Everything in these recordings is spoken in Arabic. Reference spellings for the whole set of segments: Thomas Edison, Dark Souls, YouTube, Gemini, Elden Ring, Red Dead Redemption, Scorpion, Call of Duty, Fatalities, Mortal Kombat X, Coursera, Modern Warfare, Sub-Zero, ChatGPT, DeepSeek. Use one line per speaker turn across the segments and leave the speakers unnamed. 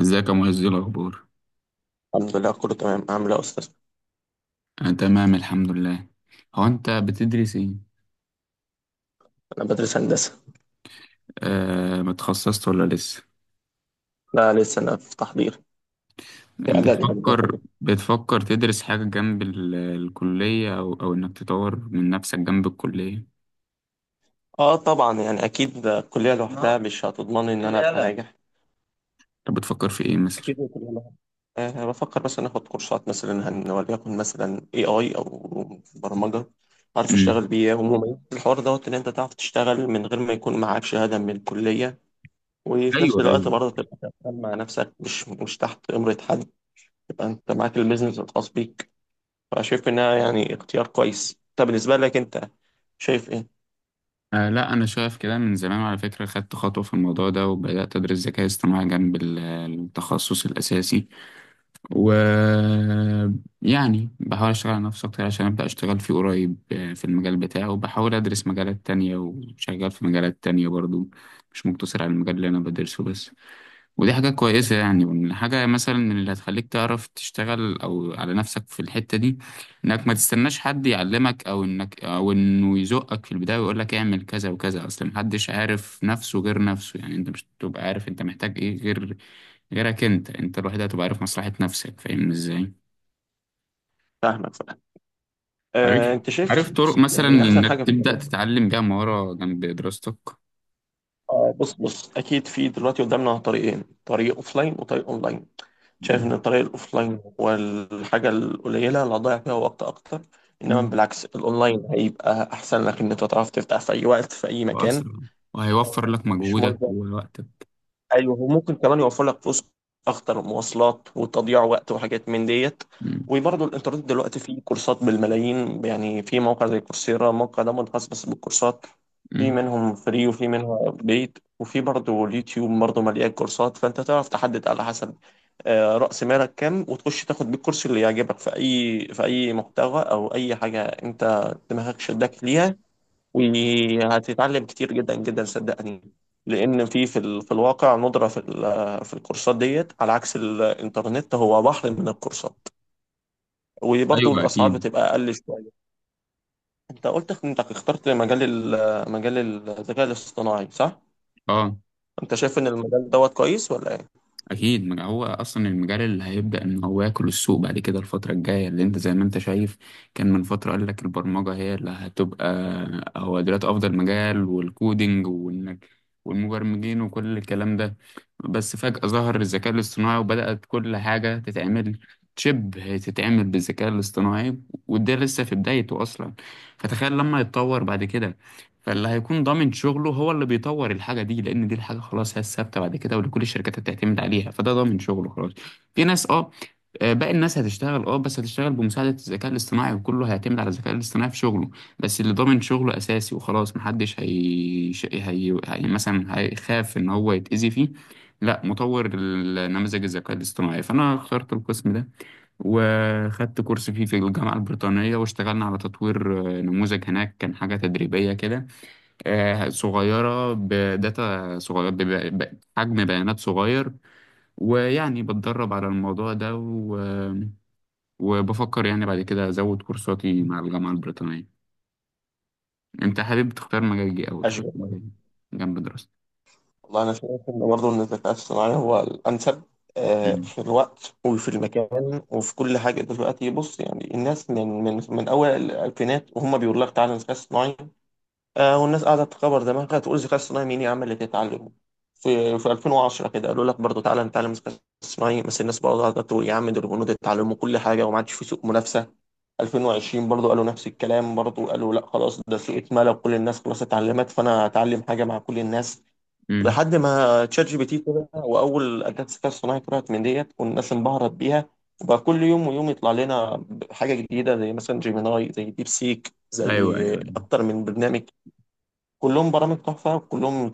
ازيك يا معز، ايه الاخبار؟
الحمد لله، كله تمام. عامل ايه يا استاذ؟
انا تمام الحمد لله. هو انت بتدرس ايه؟
انا بدرس هندسه.
آه، ما اتخصصت ولا لسه؟
لا، لسه انا في تحضير، في اعداد هندسه
بتفكر
كده.
بتفكر تدرس حاجه جنب الكليه او انك تطور من نفسك جنب الكليه؟
اه طبعا يعني اكيد الكليه لوحدها مش هتضمن ان انا ابقى ناجح.
طب بتفكر في ايه مثلا؟
اكيد الكليه لوحدها. أه بفكر مثلا اخد كورسات، مثلا وليكن مثلا اي اي او برمجه اعرف
امم،
اشتغل بيها. عموما الحوار دوت ان انت تعرف تشتغل من غير ما يكون معاك شهاده من الكليه، وفي نفس
ايوه
الوقت
ايوه.
برضه تبقى شغال مع نفسك، مش تحت امره حد، تبقى انت معاك البيزنس الخاص بيك. فشايف انها يعني اختيار كويس. طب بالنسبه لك انت، شايف ايه؟
آه لا، انا شايف كده من زمان على فكره، خدت خطوه في الموضوع ده وبدات ادرس ذكاء اصطناعي جنب التخصص الاساسي، و يعني بحاول اشتغل على نفسي اكتر عشان ابدا اشتغل فيه قريب، في المجال بتاعه، وبحاول ادرس مجالات تانية وشغال في مجالات تانية برضو، مش مقتصر على المجال اللي انا بدرسه بس. ودي حاجة كويسة يعني، وإن حاجة مثلا من اللي هتخليك تعرف تشتغل أو على نفسك في الحتة دي، إنك ما تستناش حد يعلمك أو إنه يزقك في البداية ويقول لك اعمل كذا وكذا، أصل محدش عارف نفسه غير نفسه، يعني أنت مش هتبقى عارف أنت محتاج إيه غير غيرك، أنت الوحيد اللي هتبقى عارف مصلحة نفسك، فاهمني إزاي؟
فاهمك، فاهم. آه
عارف.
انت
عارف
شايف
طرق مثلا
يعني احسن حاجه
إنك
في الحاجات
تبدأ
دي؟
تتعلم بيها مهارة جنب دراستك؟
آه بص بص، اكيد في دلوقتي قدامنا طريقين، طريق اوفلاين وطريق اونلاين. شايف
مم.
ان الطريق الاوفلاين هو الحاجه القليله اللي هتضيع فيها وقت اكتر، انما
مم.
بالعكس الاونلاين هيبقى احسن لك ان انت تعرف تفتح في اي وقت في اي مكان.
وأسرع، وهيوفر لك
مش مهم.
مجهودك ووقتك.
ايوه، وممكن كمان يوفر لك فلوس اكتر، مواصلات وتضييع وقت وحاجات من ديت.
مم.
وبرضه الانترنت دلوقتي فيه كورسات بالملايين، يعني في موقع زي كورسيرا، الموقع ده منخصص بس بالكورسات. في
مم.
منهم فري وفي منهم بيد، وفي برضه اليوتيوب برضه مليان كورسات. فانت تعرف تحدد على حسب رأس مالك كام، وتخش تاخد بالكورس اللي يعجبك في اي في اي محتوى او اي حاجة انت دماغك شدك ليها، وهتتعلم كتير جدا جدا صدقني. لان في الواقع ندرة في الكورسات ديت، على عكس الانترنت هو بحر من الكورسات. وبرضه
أيوه
الاسعار
أكيد،
بتبقى اقل شويه. انت قلت انك اخترت مجال مجال الذكاء الاصطناعي، صح؟
اه
انت شايف ان المجال دوت كويس ولا ايه؟
اكيد ما هو اصلا المجال اللي هيبدا ان هو ياكل السوق بعد كده الفتره الجايه، اللي انت زي ما انت شايف كان من فتره قال لك البرمجه هي اللي هتبقى هو دلوقتي افضل مجال والكودينج، والمبرمجين وكل الكلام ده، بس فجاه ظهر الذكاء الاصطناعي وبدات كل حاجه تتعمل شبه تتعمل بالذكاء الاصطناعي، وده لسه في بدايته اصلا، فتخيل لما يتطور بعد كده، فاللي هيكون ضامن شغله هو اللي بيطور الحاجة دي، لأن دي الحاجة خلاص هي الثابتة بعد كده واللي كل الشركات هتعتمد عليها، فده ضامن شغله خلاص. في ناس باقي الناس هتشتغل بس هتشتغل بمساعدة الذكاء الاصطناعي، وكله هيعتمد على الذكاء الاصطناعي في شغله. بس اللي ضامن شغله أساسي وخلاص محدش هي مثلا هيخاف إن هو يتأذي فيه. لا، مطور النماذج الذكاء الاصطناعي، فأنا اخترت القسم ده، وخدت كورس فيه في الجامعة البريطانية واشتغلنا على تطوير نموذج هناك. كان حاجة تدريبية كده، صغيرة، بداتا صغير بب- ب- بحجم بيانات صغير، ويعني بتدرب على الموضوع ده وبفكر يعني بعد كده أزود كورساتي مع الجامعة البريطانية. أنت حابب تختار مجال إيه أو تخش
اشجع.
مجال إيه جنب دراستك؟
والله انا شايف ان برضه ان الذكاء الاصطناعي هو الانسب
مم.
في الوقت وفي المكان وفي كل حاجه دلوقتي. بص، يعني الناس من اول الالفينات وهم بيقول لك تعالى الذكاء الاصطناعي، آه، والناس قاعدة تكبر دماغها تقول الذكاء الصناعي مين يا عم اللي تتعلمه. في 2010 كده قالوا لك برضه تعالى نتعلم الذكاء الصناعي، بس الناس برضه قاعدة تقول يا عم دول البنود اتعلموا كل حاجة وما عادش في سوق منافسة. 2020 برضه قالوا نفس الكلام، برضه قالوا لا خلاص ده سوق اتملى وكل الناس خلاص اتعلمت، فأنا هتعلم حاجة مع كل الناس.
مم.
لحد ما تشات جي بي تي طلع، وأول أداة الذكاء الصناعي طلعت من ديت والناس انبهرت بيها، وبقى كل يوم ويوم يطلع لنا حاجة جديدة، زي مثلا جيميناي، زي ديب سيك،
أيوه
زي
أيوه.
أكتر من برنامج. كلهم برامج تحفه، وكلهم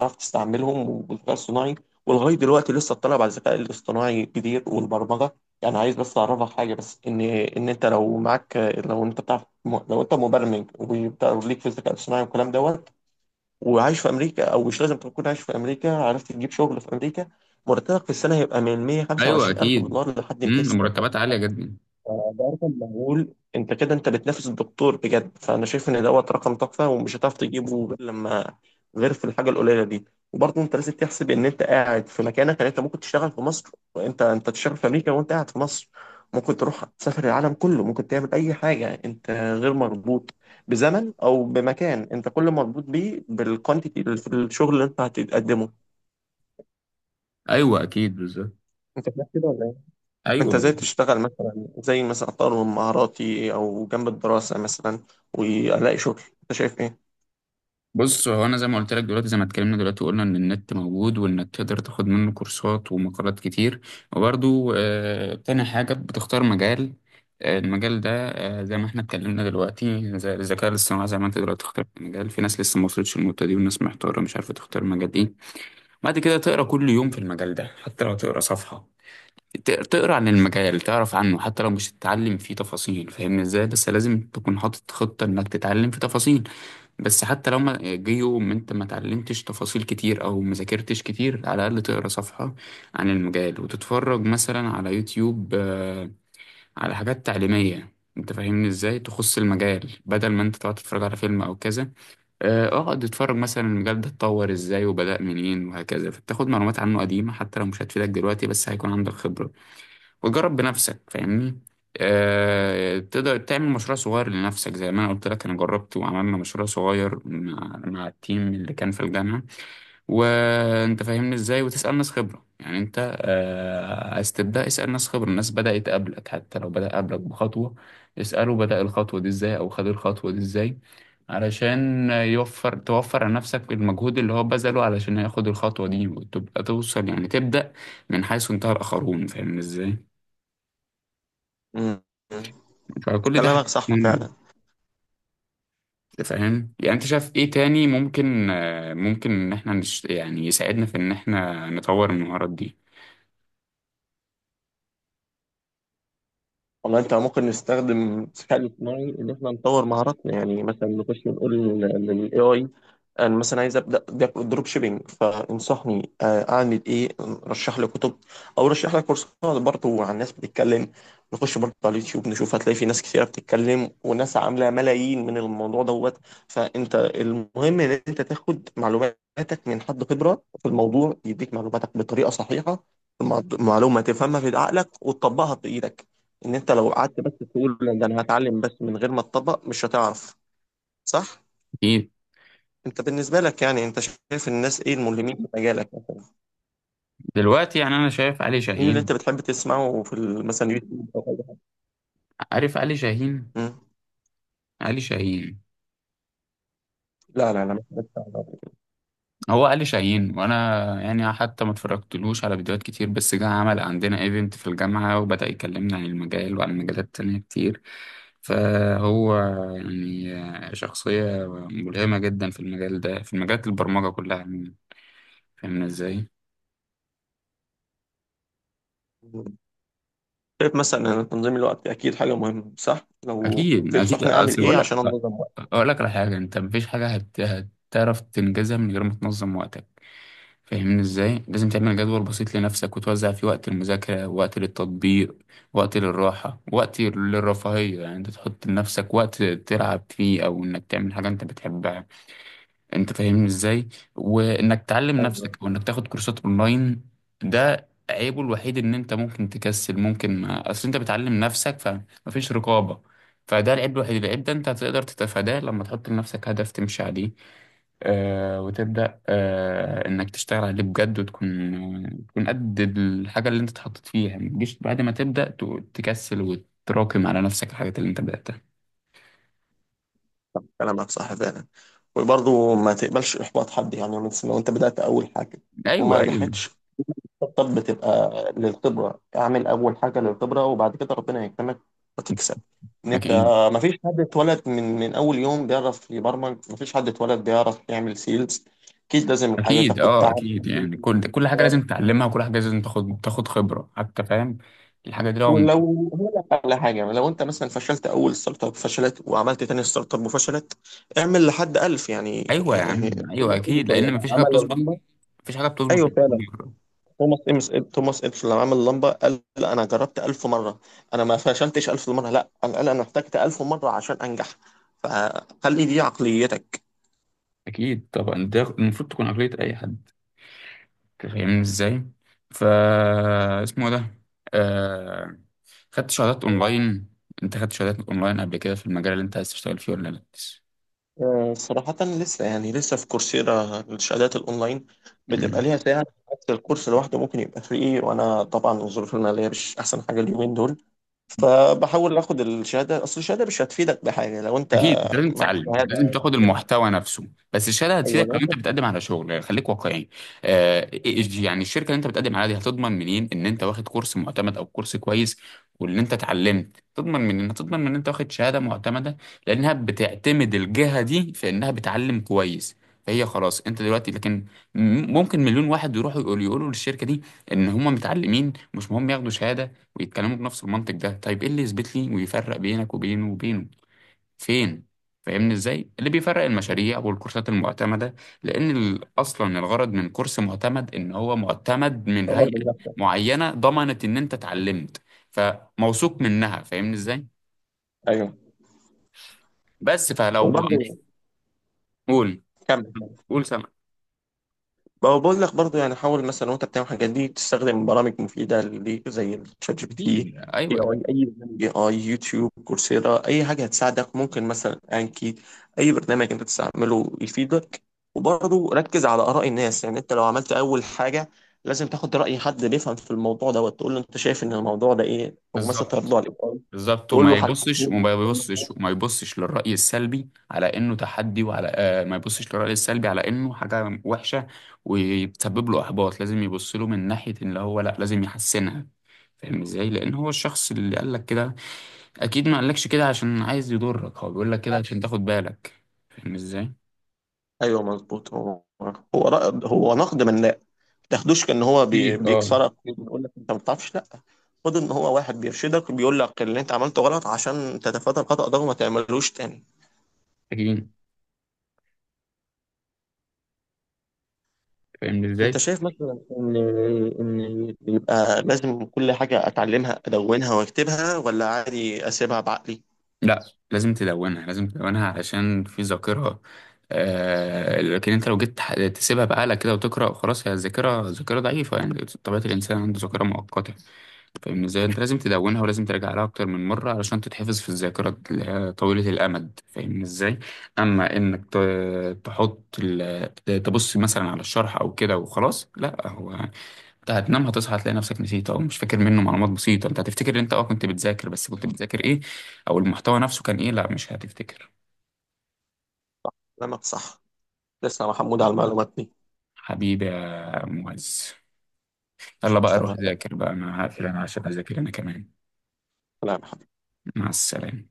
تعرف تستعملهم، والذكاء الصناعي ولغايه دلوقتي لسه الطلب على الذكاء الاصطناعي كتير، والبرمجه. يعني عايز بس اعرفك حاجه، بس ان انت لو معاك، لو انت بتعرف، لو انت مبرمج وليك في الذكاء الاصطناعي والكلام دوت، وعايش في امريكا، او مش لازم تكون عايش في امريكا، عرفت تجيب شغل في امريكا، مرتبك في السنه هيبقى من 125
أيوه
الف
أكيد.
دولار لحد 200.
مم. المرتبات عالية جدا.
ده رقم مهول، انت كده انت بتنافس الدكتور بجد. فانا شايف ان دوت رقم تحفه ومش هتعرف تجيبه غير لما، غير في الحاجه القليله دي. وبرضه انت لازم تحسب ان انت قاعد في مكانك، يعني انت ممكن تشتغل في مصر، وانت انت تشتغل في امريكا وانت قاعد في مصر. ممكن تروح تسافر العالم كله، ممكن تعمل اي حاجه، انت غير مربوط بزمن او بمكان، انت كل مربوط بيه بالكوانتيتي، الشغل اللي انت هتقدمه.
أيوه أكيد بالظبط.
انت فاهم كده ولا؟
أيوه
انت ازاي
بالظبط.
تشتغل مثلا، زي مثلا اطور من مهاراتي او جنب الدراسة مثلا والاقي شغل، انت شايف ايه؟
بص، هو انا زي ما قلت لك دلوقتي زي ما اتكلمنا دلوقتي وقلنا ان النت موجود وانك تقدر تاخد منه كورسات ومقالات كتير، وبرده تاني حاجة بتختار مجال، المجال ده، زي ما احنا اتكلمنا دلوقتي زي الذكاء الاصطناعي زي ما انت دلوقتي اخترت مجال، في ناس لسه ما وصلتش للنقطة دي والناس محتارة مش عارفة تختار مجال ايه. بعد كده تقرا كل يوم في المجال ده، حتى لو تقرا صفحة، تقرا عن المجال، تعرف عنه حتى لو مش تتعلم فيه تفاصيل، فاهمني ازاي؟ بس لازم تكون حاطط خطة انك تتعلم في تفاصيل. بس حتى لو ما جه يوم انت ما اتعلمتش تفاصيل كتير او ما ذاكرتش كتير، على الاقل تقرا صفحه عن المجال وتتفرج مثلا على يوتيوب، على حاجات تعليميه، انت فاهمني ازاي، تخص المجال بدل ما انت تقعد تتفرج على فيلم او كذا. اقعد اتفرج مثلا المجال ده اتطور ازاي وبدأ منين وهكذا، فتاخد معلومات عنه قديمه حتى لو مش هتفيدك دلوقتي بس هيكون عندك خبره، وجرب بنفسك فاهمني. أه تقدر تعمل مشروع صغير لنفسك، زي ما انا قلت لك انا جربت وعملنا مشروع صغير مع التيم اللي كان في الجامعة، وانت فاهمني ازاي، وتسأل ناس خبرة، يعني انت عايز تبدأ اسأل ناس خبرة، الناس بدأت قبلك حتى لو بدأ قبلك بخطوة، اسأله بدأ الخطوة دي ازاي او خد الخطوة دي ازاي، علشان توفر على نفسك المجهود اللي هو بذله علشان ياخد الخطوة دي، وتبقى توصل يعني تبدأ من حيث انتهى الآخرون، فاهم ازاي.
مم.
فكل ده
كلامك
حاجات
صح
مهمة.
فعلا.
أنت فاهم، يعني انت شايف ايه تاني ممكن ممكن ان احنا يعني يساعدنا في ان احنا نطور المهارات دي؟
والله انت ممكن نستخدم الذكاء الاصطناعي ان احنا نطور مهاراتنا، يعني مثلا نخش نقول للاي اي انا مثلا عايز ابدا دروب شيبينج فانصحني اعمل ايه، رشح لي كتب او رشح لي كورسات، برضه عن ناس بتتكلم. نخش برضه على اليوتيوب نشوف، هتلاقي في ناس كثيره بتتكلم وناس عامله ملايين من الموضوع دوت. فانت المهم ان انت تاخد معلوماتك من حد خبره في الموضوع يديك معلوماتك بطريقه صحيحه، المعلومه تفهمها في عقلك وتطبقها في ايدك. ان انت لو قعدت بس تقول لا ده انا هتعلم بس من غير ما تطبق، مش هتعرف، صح؟
اكيد.
انت بالنسبه لك يعني، انت شايف الناس ايه الملهمين في مجالك مثلا؟
دلوقتي يعني انا شايف علي
مين اللي انت
شاهين.
بتحب تسمعه في مثلا يوتيوب او اي حاجه؟
عارف علي شاهين.
مم.
علي شاهين.
لا لا لا، مش بتاع
هو علي شاهين، وانا يعني حتى ما اتفرجتلوش على فيديوهات كتير، بس جه عمل عندنا ايفنت في الجامعة وبدأ يكلمنا عن المجال وعن مجالات تانية كتير، فهو يعني شخصية ملهمة جدا في المجال ده، في مجالات البرمجة كلها عموما. فاهمنا ازاي؟
ده. شايف مثلا ان تنظيم الوقت اكيد حاجه مهمه، صح؟ لو
اكيد اكيد،
تنصحني اعمل
اصل
ايه
بقول
عشان
لك
انظم وقتي؟
اقول لك على حاجه، انت مفيش حاجه هتعرف تنجزها من غير ما تنظم وقتك، فاهمني ازاي، لازم تعمل جدول بسيط لنفسك وتوزع فيه وقت المذاكره، وقت للتطبيق، وقت للراحه، وقت للرفاهيه، يعني انت تحط لنفسك وقت تلعب فيه او انك تعمل حاجه انت بتحبها، انت فاهمني ازاي، وانك تعلم
ايوه،
نفسك وانك تاخد كورسات اونلاين. ده عيبه الوحيد، ان انت ممكن تكسل ممكن ما اصل انت بتعلم نفسك فمفيش رقابة، فده العيب الوحيد. العيب ده انت هتقدر تتفاداه لما تحط لنفسك هدف تمشي عليه، وتبدأ انك تشتغل عليه بجد، وتكون قد الحاجة اللي انت اتحطيت فيها ما تجيش بعد ما تبدأ تكسل وتراكم على نفسك الحاجات اللي انت بدأتها.
كلامك صح فعلا. وبرضه ما تقبلش احباط حد، يعني مثلا لو انت بدات اول حاجه
ايوه
وما
ايوه
نجحتش، الطب بتبقى للخبرة. اعمل أول حاجة للخبرة، وبعد كده ربنا يكرمك وتكسب. إن أنت،
اكيد،
مفيش حد اتولد من أول يوم بيعرف يبرمج، مفيش حد اتولد بيعرف يعمل سيلز. أكيد لازم الحاجة
اكيد
تاخد
اه
تعب
اكيد، يعني كل
وتاخد
كل حاجه
وقت.
لازم تتعلمها، وكل حاجه لازم تاخد خبره حتى، فاهم. الحاجه دي
ولو هقول لك على حاجة، لو أنت مثلا فشلت أول ستارت أب، فشلت وعملت تاني ستارت أب وفشلت، اعمل لحد ألف يعني،
ايوه يا
يعني
عم
كل
ايوه
ما تيجي
اكيد،
سوري
لان مفيش حاجه
عمل
بتظبط،
الرمبة.
مفيش حاجه بتظبط
أيوه
من
فعلا.
أول مرة.
توماس إمس توماس إديسون لما عمل اللمبة قال لا، أنا جربت ألف مرة، أنا ما فشلتش ألف مرة، لا، أنا قال أنا احتجت ألف مرة عشان أنجح. فخلي دي عقليتك.
اكيد طبعا، ده المفروض تكون عقليه اي حد، فاهمني ازاي. ف اسمه إيه ده آه... خدت شهادات اونلاين انت خدت شهادات اونلاين قبل كده في المجال اللي انت عايز تشتغل فيه ولا؟
صراحة لسه، يعني لسه في كورسيرا الشهادات الأونلاين
لا،
بتبقى ليها ساعة، حتى الكورس لوحده ممكن يبقى فري. وأنا طبعا الظروف المالية مش أحسن حاجة اليومين دول، فبحاول آخد الشهادة. أصل الشهادة مش هتفيدك بحاجة لو أنت
اكيد انت لازم
معك
تتعلم لازم
شهادة
تاخد
كبيرة.
المحتوى نفسه، بس الشهاده
أيوه،
هتفيدك
لو
لو انت
أنت
بتقدم على شغل، خليك واقعي. يعني الشركه اللي انت بتقدم عليها دي هتضمن منين ان انت واخد كورس معتمد او كورس كويس، وان انت اتعلمت، تضمن منين؟ تضمن من ان انت واخد شهاده معتمده، لانها بتعتمد الجهه دي في انها بتعلم كويس، فهي خلاص انت دلوقتي لكن ممكن مليون واحد يروحوا يقولوا للشركه دي ان هم متعلمين، مش مهم ياخدوا شهاده ويتكلموا بنفس المنطق ده، طيب ايه اللي يثبت لي ويفرق بينك وبينه فين؟ فاهمني ازاي، اللي بيفرق
بتطور
المشاريع والكورسات المعتمده، لان اصلا الغرض من كورس معتمد ان هو معتمد من هيئه
من نفسك.
معينه ضمنت ان انت اتعلمت، فموثوق منها، فاهمني ازاي.
أيوه
بس فلو،
وبرضه،
قول،
كمل.
قول، سامع.
ما هو بقول لك برضه يعني حاول مثلا وانت بتعمل الحاجات دي تستخدم برامج مفيده ليك، زي الشات جي بي
اكيد
تي، اي
ايوه
اي اي برنامج اي اي، يوتيوب، كورسيرا، اي حاجه هتساعدك، ممكن مثلا انكي، اي برنامج انت تستعمله يفيدك. وبرضه ركز على اراء الناس، يعني انت لو عملت اول حاجه لازم تاخد راي حد بيفهم في الموضوع ده وتقول له انت شايف ان الموضوع ده ايه، او مثلا
بالظبط،
تعرضه على الاي،
بالظبط،
تقول له
وما
حل.
يبصش وما يبصش وما يبصش للرأي السلبي على انه تحدي، وعلى آه ما يبصش للرأي السلبي على انه حاجة وحشة ويسبب له احباط، لازم يبص له من ناحية ان هو لا لازم يحسنها، فاهم ازاي، لان هو الشخص اللي قال لك كده اكيد ما قالكش كده عشان عايز يضرك، هو بيقول لك كده عشان تاخد بالك، فاهم ازاي.
ايوه مظبوط. هو هو نقد بناء، ما تاخدوش كان
اكيد اه
بيكسرك بيقول لك انت ما بتعرفش، لا. خد ان هو واحد بيرشدك بيقول لك اللي انت عملته غلط عشان تتفادى الخطأ ده وما تعملوش تاني.
اكيد، فاهم
انت
ازاي.
شايف مثلا ان، ان يبقى لازم كل حاجة اتعلمها ادونها واكتبها، ولا عادي اسيبها بعقلي؟
لا، لازم تدونها علشان في ذاكرة، آه لكن انت لو جيت تسيبها بقالك كده وتقرأ خلاص، هي الذاكرة ذاكرة ضعيفة، يعني طبيعة الإنسان عنده ذاكرة مؤقتة، فاهم ازاي، انت لازم تدونها ولازم ترجع لها أكتر من مرة علشان تتحفظ في الذاكرة اللي هي طويلة الأمد، فاهم ازاي. أما إنك تحط تبص مثلا على الشرح أو كده وخلاص، لا هو، انت هتنام هتصحى هتلاقي نفسك نسيت او مش فاكر منه معلومات بسيطة، انت هتفتكر ان انت كنت بتذاكر، بس كنت بتذاكر ايه او المحتوى نفسه كان ايه؟ لا مش هتفتكر.
كلامك صح. تسلم يا محمود على المعلومات دي.
حبيبي يا معز،
مش
يلا بقى روح
مستعمل.
ذاكر بقى، انا هقفل انا عشان اذاكر انا كمان.
كلامك
مع السلامة.